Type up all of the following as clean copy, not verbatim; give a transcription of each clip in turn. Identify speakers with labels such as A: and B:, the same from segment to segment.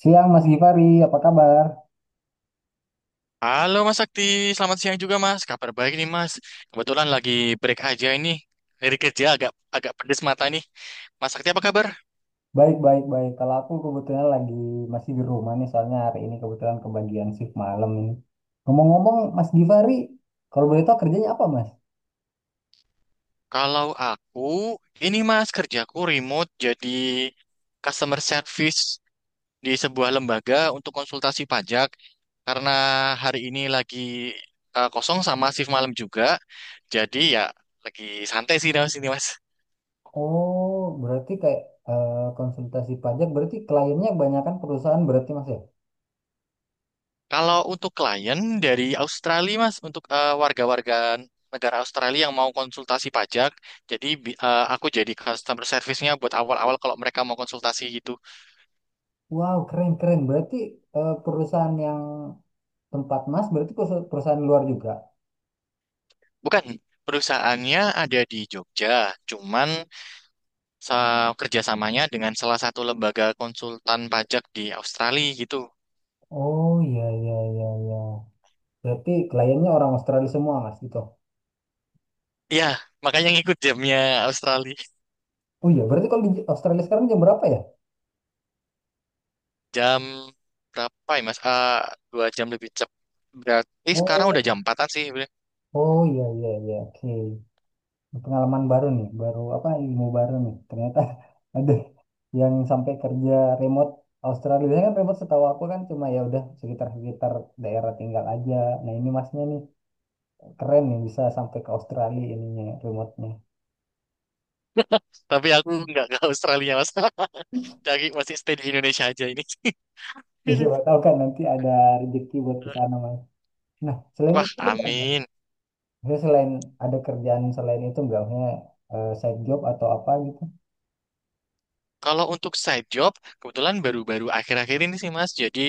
A: Siang Mas Gifari, apa kabar?
B: Halo Mas Sakti, selamat siang juga Mas. Kabar baik nih Mas. Kebetulan lagi break aja ini. Dari kerja agak agak pedes mata nih. Mas Sakti apa kabar?
A: Baik, baik, baik. Kalau aku kebetulan lagi masih di rumah nih, soalnya hari ini kebetulan kebagian shift malam ini. Ngomong-ngomong, Mas Gifari, kalau boleh tahu kerjanya apa, Mas?
B: Kalau aku, ini Mas kerjaku remote jadi customer service di sebuah lembaga untuk konsultasi pajak. Karena hari ini lagi kosong sama shift malam juga. Jadi ya lagi santai sih di sini Mas.
A: Oh, berarti kayak konsultasi pajak, berarti kliennya kebanyakan perusahaan berarti, Mas ya?
B: Kalau untuk klien dari Australia, Mas, untuk warga-warga negara Australia yang mau konsultasi pajak, jadi aku jadi customer service-nya buat awal-awal kalau mereka mau konsultasi gitu.
A: Wow, keren, keren. Berarti perusahaan yang tempat Mas, berarti perusahaan luar juga?
B: Bukan, perusahaannya ada di Jogja, cuman kerjasamanya dengan salah satu lembaga konsultan pajak di Australia gitu.
A: Oh, iya, iya, iya, iya. Berarti kliennya orang Australia semua, Mas, gitu.
B: Iya, makanya ngikut jamnya Australia.
A: Oh iya, berarti kalau di Australia sekarang jam berapa ya?
B: Jam berapa ya, Mas? Dua jam lebih cepat. Berarti sekarang
A: Oh,
B: udah jam empatan sih.
A: oh, iya iya iya. Oke. Pengalaman baru nih, baru apa ilmu baru nih. Ternyata ada yang sampai kerja remote Australia. Biasanya kan remote setahu aku kan cuma ya udah sekitar-sekitar daerah tinggal aja. Nah, ini masnya nih keren nih bisa sampai ke Australia ininya remote-nya.
B: Tapi aku nggak ke Australia mas. Dari masih stay di Indonesia aja ini.
A: Ya siapa tahu kan nanti ada rezeki buat ke sana mas. Nah, selain
B: Wah,
A: itu ada nggak, Mas?
B: amin.
A: Maksudnya selain ada kerjaan selain itu enggak maksudnya side job atau apa gitu?
B: Kalau untuk side job, kebetulan baru-baru akhir-akhir ini sih Mas, jadi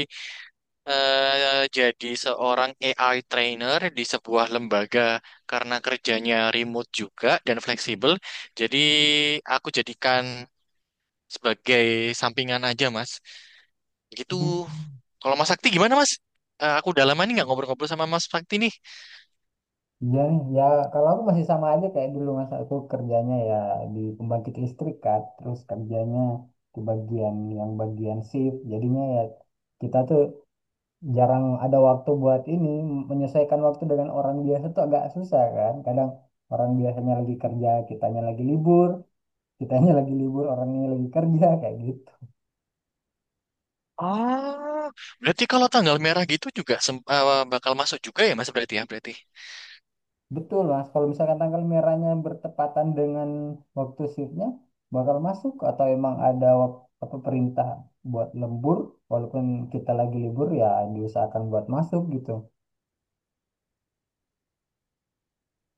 B: eh, jadi seorang AI trainer di sebuah lembaga karena kerjanya remote juga dan fleksibel. Jadi aku jadikan sebagai sampingan aja Mas. Gitu.
A: Hmm.
B: Kalau Mas Sakti gimana Mas? Aku udah lama nih nggak ngobrol-ngobrol sama Mas Sakti nih.
A: Iya nih, ya kalau aku masih sama aja kayak dulu masa aku kerjanya ya di pembangkit listrik kan, terus kerjanya di bagian yang bagian shift, jadinya ya kita tuh jarang ada waktu buat ini, menyelesaikan waktu dengan orang biasa tuh agak susah kan, kadang orang biasanya lagi kerja, kitanya lagi libur, kitanya lagi libur, orangnya lagi kerja kayak gitu.
B: Oh, berarti kalau tanggal merah gitu juga bakal masuk juga ya Mas berarti ya berarti.
A: Betul, Mas. Kalau misalkan tanggal merahnya bertepatan dengan waktu shiftnya, bakal masuk atau emang ada apa perintah buat lembur, walaupun kita lagi libur ya diusahakan buat masuk gitu.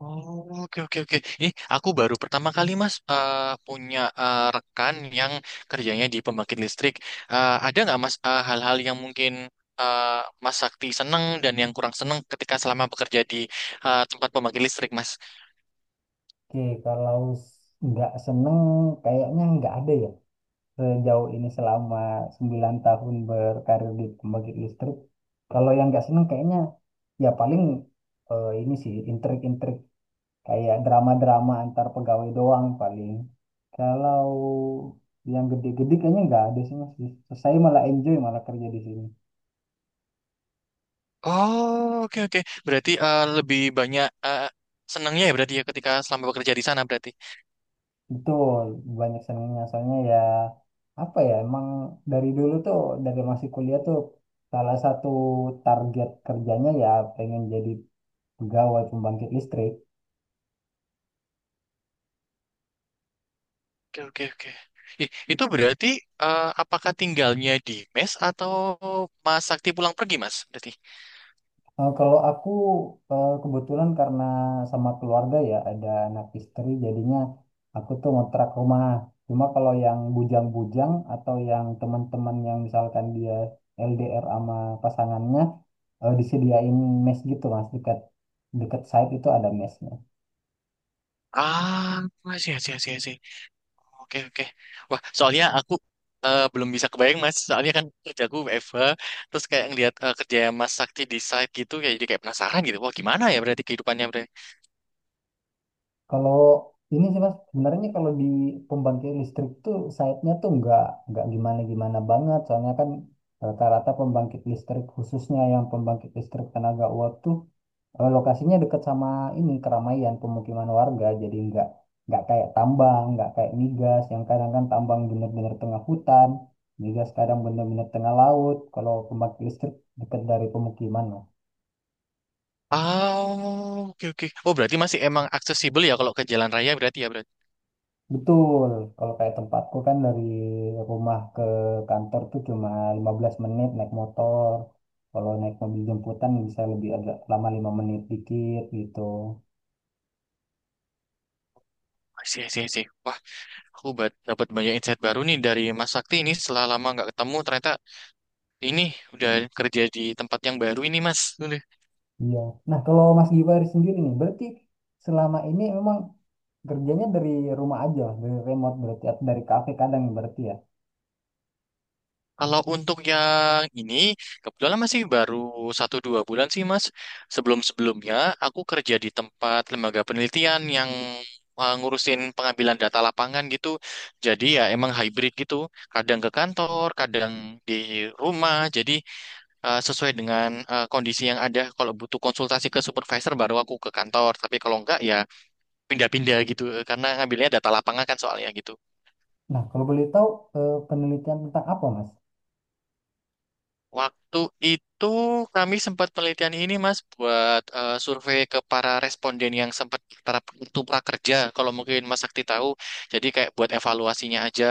B: Oh, oke, oke, oke. Ini aku baru pertama kali Mas punya rekan yang kerjanya di pembangkit listrik. Ada nggak Mas hal-hal yang mungkin Mas Sakti seneng dan yang kurang seneng ketika selama bekerja di tempat pembangkit listrik Mas?
A: Oke, kalau nggak seneng, kayaknya nggak ada ya. Sejauh ini selama 9 tahun berkarir di pembangkit listrik, kalau yang nggak seneng kayaknya ya paling ini sih, intrik-intrik kayak drama-drama antar pegawai doang paling. Kalau yang gede-gede kayaknya nggak ada sih mas. Saya malah enjoy malah kerja di sini.
B: Oh, oke, oke. Berarti lebih banyak senengnya ya berarti ya ketika selama bekerja di sana berarti.
A: Betul, banyak senangnya. Soalnya ya apa ya emang dari dulu tuh dari masih kuliah tuh salah satu target kerjanya ya pengen jadi pegawai pembangkit listrik.
B: Oke, oke, oke. Ih, itu berarti apakah tinggalnya di mes atau Mas Sakti pulang pergi, Mas? Berarti.
A: Kalau aku kebetulan karena sama keluarga ya ada anak istri jadinya aku tuh ngontrak rumah. Cuma kalau yang bujang-bujang atau yang teman-teman yang misalkan dia LDR sama pasangannya disediain mes gitu mas dekat dekat site itu ada mesnya.
B: Ah, sih, sih, sih, sih. Oke, oke. Wah, soalnya aku belum bisa kebayang, Mas. Soalnya kan kerjaku WFH, terus kayak ngeliat kerja Mas Sakti di site gitu, kayak jadi kayak penasaran gitu. Wah, gimana ya berarti kehidupannya berarti?
A: Kalau ini sih mas sebenarnya kalau di pembangkit listrik tuh site-nya tuh nggak gimana-gimana banget soalnya kan rata-rata pembangkit listrik khususnya yang pembangkit listrik tenaga uap tuh lokasinya dekat sama ini keramaian pemukiman warga, jadi nggak kayak tambang, nggak kayak migas yang kadang kan tambang bener-bener tengah hutan, migas kadang bener-bener tengah laut. Kalau pembangkit listrik dekat dari pemukiman lah.
B: Oh, oke, oke. Oh, berarti masih emang aksesibel ya kalau ke jalan raya berarti ya berarti.
A: Betul, kalau kayak tempatku kan dari rumah ke kantor tuh cuma 15 menit naik motor. Kalau naik mobil jemputan bisa lebih agak lama 5 menit dikit gitu.
B: Sih, sih, sih. Wah, aku dapat banyak insight baru nih dari Mas Sakti ini setelah lama nggak ketemu ternyata ini udah kerja di tempat yang baru ini Mas. Udah.
A: Iya. Nah, kalau Mas Givari sendiri nih, berarti selama ini memang kerjanya dari rumah aja, dari remote berarti atau dari kafe kadang berarti ya.
B: Kalau untuk yang ini, kebetulan masih baru satu dua bulan sih Mas. Sebelum-sebelumnya aku kerja di tempat lembaga penelitian yang ngurusin pengambilan data lapangan gitu. Jadi ya emang hybrid gitu. Kadang ke kantor, kadang di rumah. Jadi sesuai dengan kondisi yang ada. Kalau butuh konsultasi ke supervisor baru aku ke kantor. Tapi kalau enggak ya pindah-pindah gitu. Karena ngambilnya data lapangan kan soalnya gitu.
A: Nah, kalau boleh tahu penelitian tentang apa, Mas?
B: Waktu itu kami sempat penelitian ini Mas buat survei ke para responden yang sempat para itu prakerja kalau mungkin Mas Sakti tahu. Jadi kayak buat evaluasinya aja.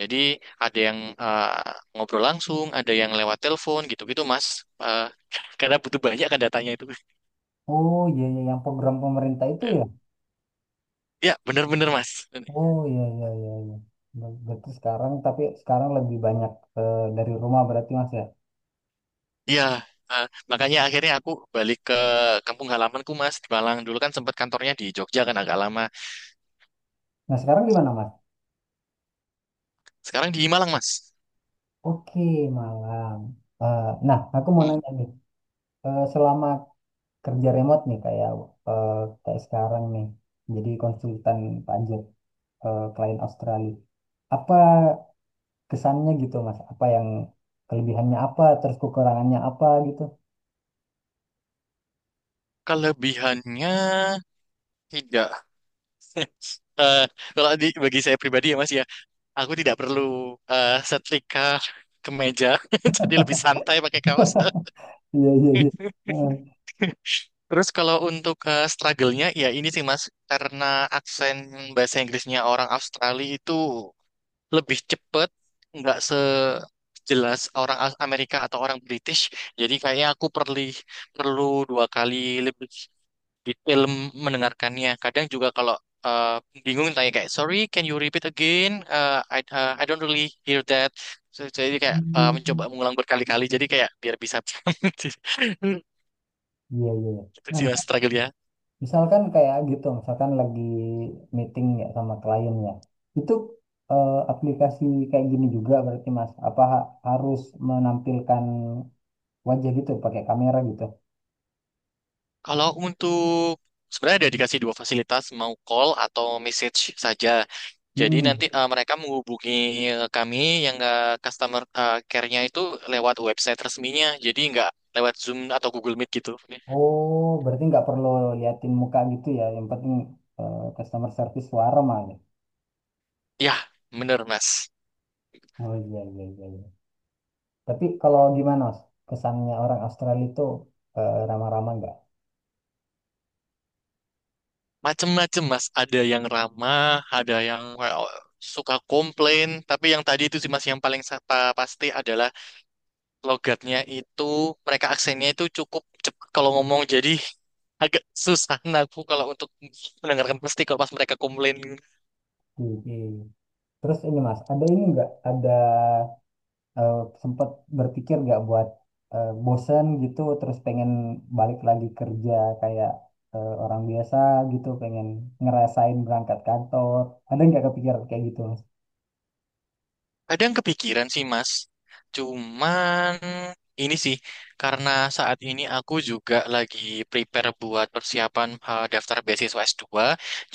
B: Jadi ada yang ngobrol langsung, ada yang lewat telepon gitu-gitu Mas. Eh, karena butuh banyak kan datanya itu.
A: Oh iya iya yang program pemerintah itu ya.
B: Ya, bener-bener Mas.
A: Oh iya iya iya iya. Berarti sekarang tapi sekarang lebih banyak dari rumah berarti Mas ya.
B: Iya, eh, makanya akhirnya aku balik ke kampung halamanku Mas di Malang. Dulu kan sempat kantornya di Jogja kan agak lama.
A: Nah, sekarang di mana, Mas?
B: Sekarang di Malang Mas.
A: Oke, malam. Eh, nah, aku mau nanya nih. Selama kerja remote nih kayak eh, kayak sekarang nih jadi konsultan pajak, klien Australia. Apa kesannya gitu mas apa yang kelebihannya apa terus kekurangannya apa gitu.
B: Kelebihannya tidak. Eh, Kalau bagi saya pribadi ya Mas ya, aku tidak perlu setrika kemeja, jadi lebih santai pakai kaos.
A: Iya iya iya. Heeh.
B: Terus kalau untuk struggle-nya, ya ini sih Mas, karena aksen bahasa Inggrisnya orang Australia itu lebih cepet, nggak sejelas orang Amerika atau orang British. Jadi kayaknya aku perlu dua kali lebih detail mendengarkannya. Kadang juga kalau eh, bingung tanya kayak sorry can you repeat again? I don't really hear that. So, jadi kayak mencoba
A: Hmm.
B: mengulang berkali-kali jadi kayak biar bisa paham.
A: Iya iya iya.
B: Itu
A: Nah
B: sih mas struggle ya.
A: misalkan kayak gitu misalkan lagi meeting ya sama klien ya itu aplikasi kayak gini juga berarti mas apa harus menampilkan wajah gitu pakai kamera gitu.
B: Kalau untuk sebenarnya ada dikasih dua fasilitas mau call atau message saja. Jadi
A: Hmm.
B: nanti mereka menghubungi kami yang customer care-nya itu lewat website resminya. Jadi nggak lewat Zoom atau Google Meet gitu.
A: Oh berarti nggak perlu liatin muka gitu ya yang penting customer service suara malah.
B: Ya, bener Mas.
A: Oh iya iya iya. Tapi kalau gimana Mas? Kesannya orang Australia itu ramah-ramah nggak?
B: Macem-macem mas, ada yang ramah, ada yang kayak, oh, suka komplain, tapi yang tadi itu sih mas yang paling pasti adalah logatnya itu, mereka aksennya itu cukup cepat kalau ngomong, jadi agak susah aku kalau untuk mendengarkan pasti kalau pas mereka komplain.
A: Di- Terus ini Mas, ada ini nggak? Ada eh, sempat berpikir nggak buat bosen gitu, terus pengen balik lagi kerja kayak orang biasa gitu, pengen ngerasain berangkat kantor. Ada nggak kepikiran kayak gitu Mas?
B: Ada yang kepikiran sih, Mas. Cuman ini sih, karena saat ini aku juga lagi prepare buat persiapan daftar beasiswa S2.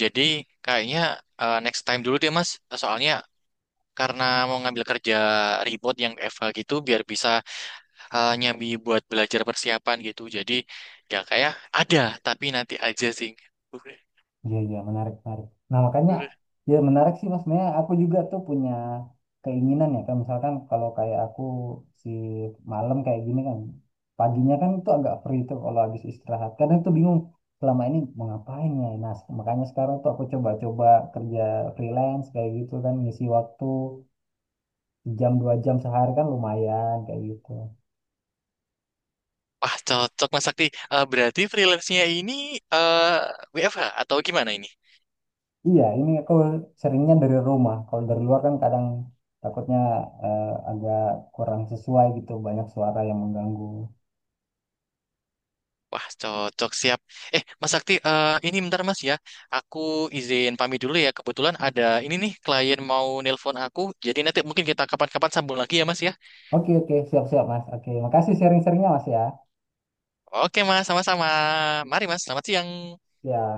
B: Jadi kayaknya next time dulu deh, Mas. Soalnya karena mau ngambil kerja remote yang FH gitu, biar bisa nyambi buat belajar persiapan gitu. Jadi ya kayak ada, tapi nanti aja sih.
A: Iya, iya, menarik, menarik. Nah, makanya, ya menarik sih, Mas. Sebenarnya aku juga tuh punya keinginan ya, kan misalkan kalau kayak aku si malam kayak gini kan, paginya kan itu agak free tuh kalau habis istirahat. Kadang tuh bingung, selama ini mau ngapain ya. Nah, makanya sekarang tuh aku coba-coba kerja freelance kayak gitu kan, ngisi waktu jam 2 jam sehari kan lumayan kayak gitu.
B: Wah, cocok Mas Sakti. Berarti freelance-nya ini eh, WFH atau gimana ini?
A: Iya, ini aku seringnya dari rumah. Kalau dari luar kan kadang takutnya agak kurang sesuai gitu, banyak suara yang mengganggu.
B: Wah, cocok siap. Mas Sakti, ini bentar Mas ya. Aku izin pamit dulu ya. Kebetulan ada ini nih klien mau nelpon aku. Jadi nanti mungkin kita kapan-kapan sambung lagi ya Mas ya.
A: Oke, oke, siap-siap Mas. Oke, makasih sharing-sharingnya Mas ya.
B: Oke Mas, sama-sama. Mari Mas, selamat siang.
A: Ya.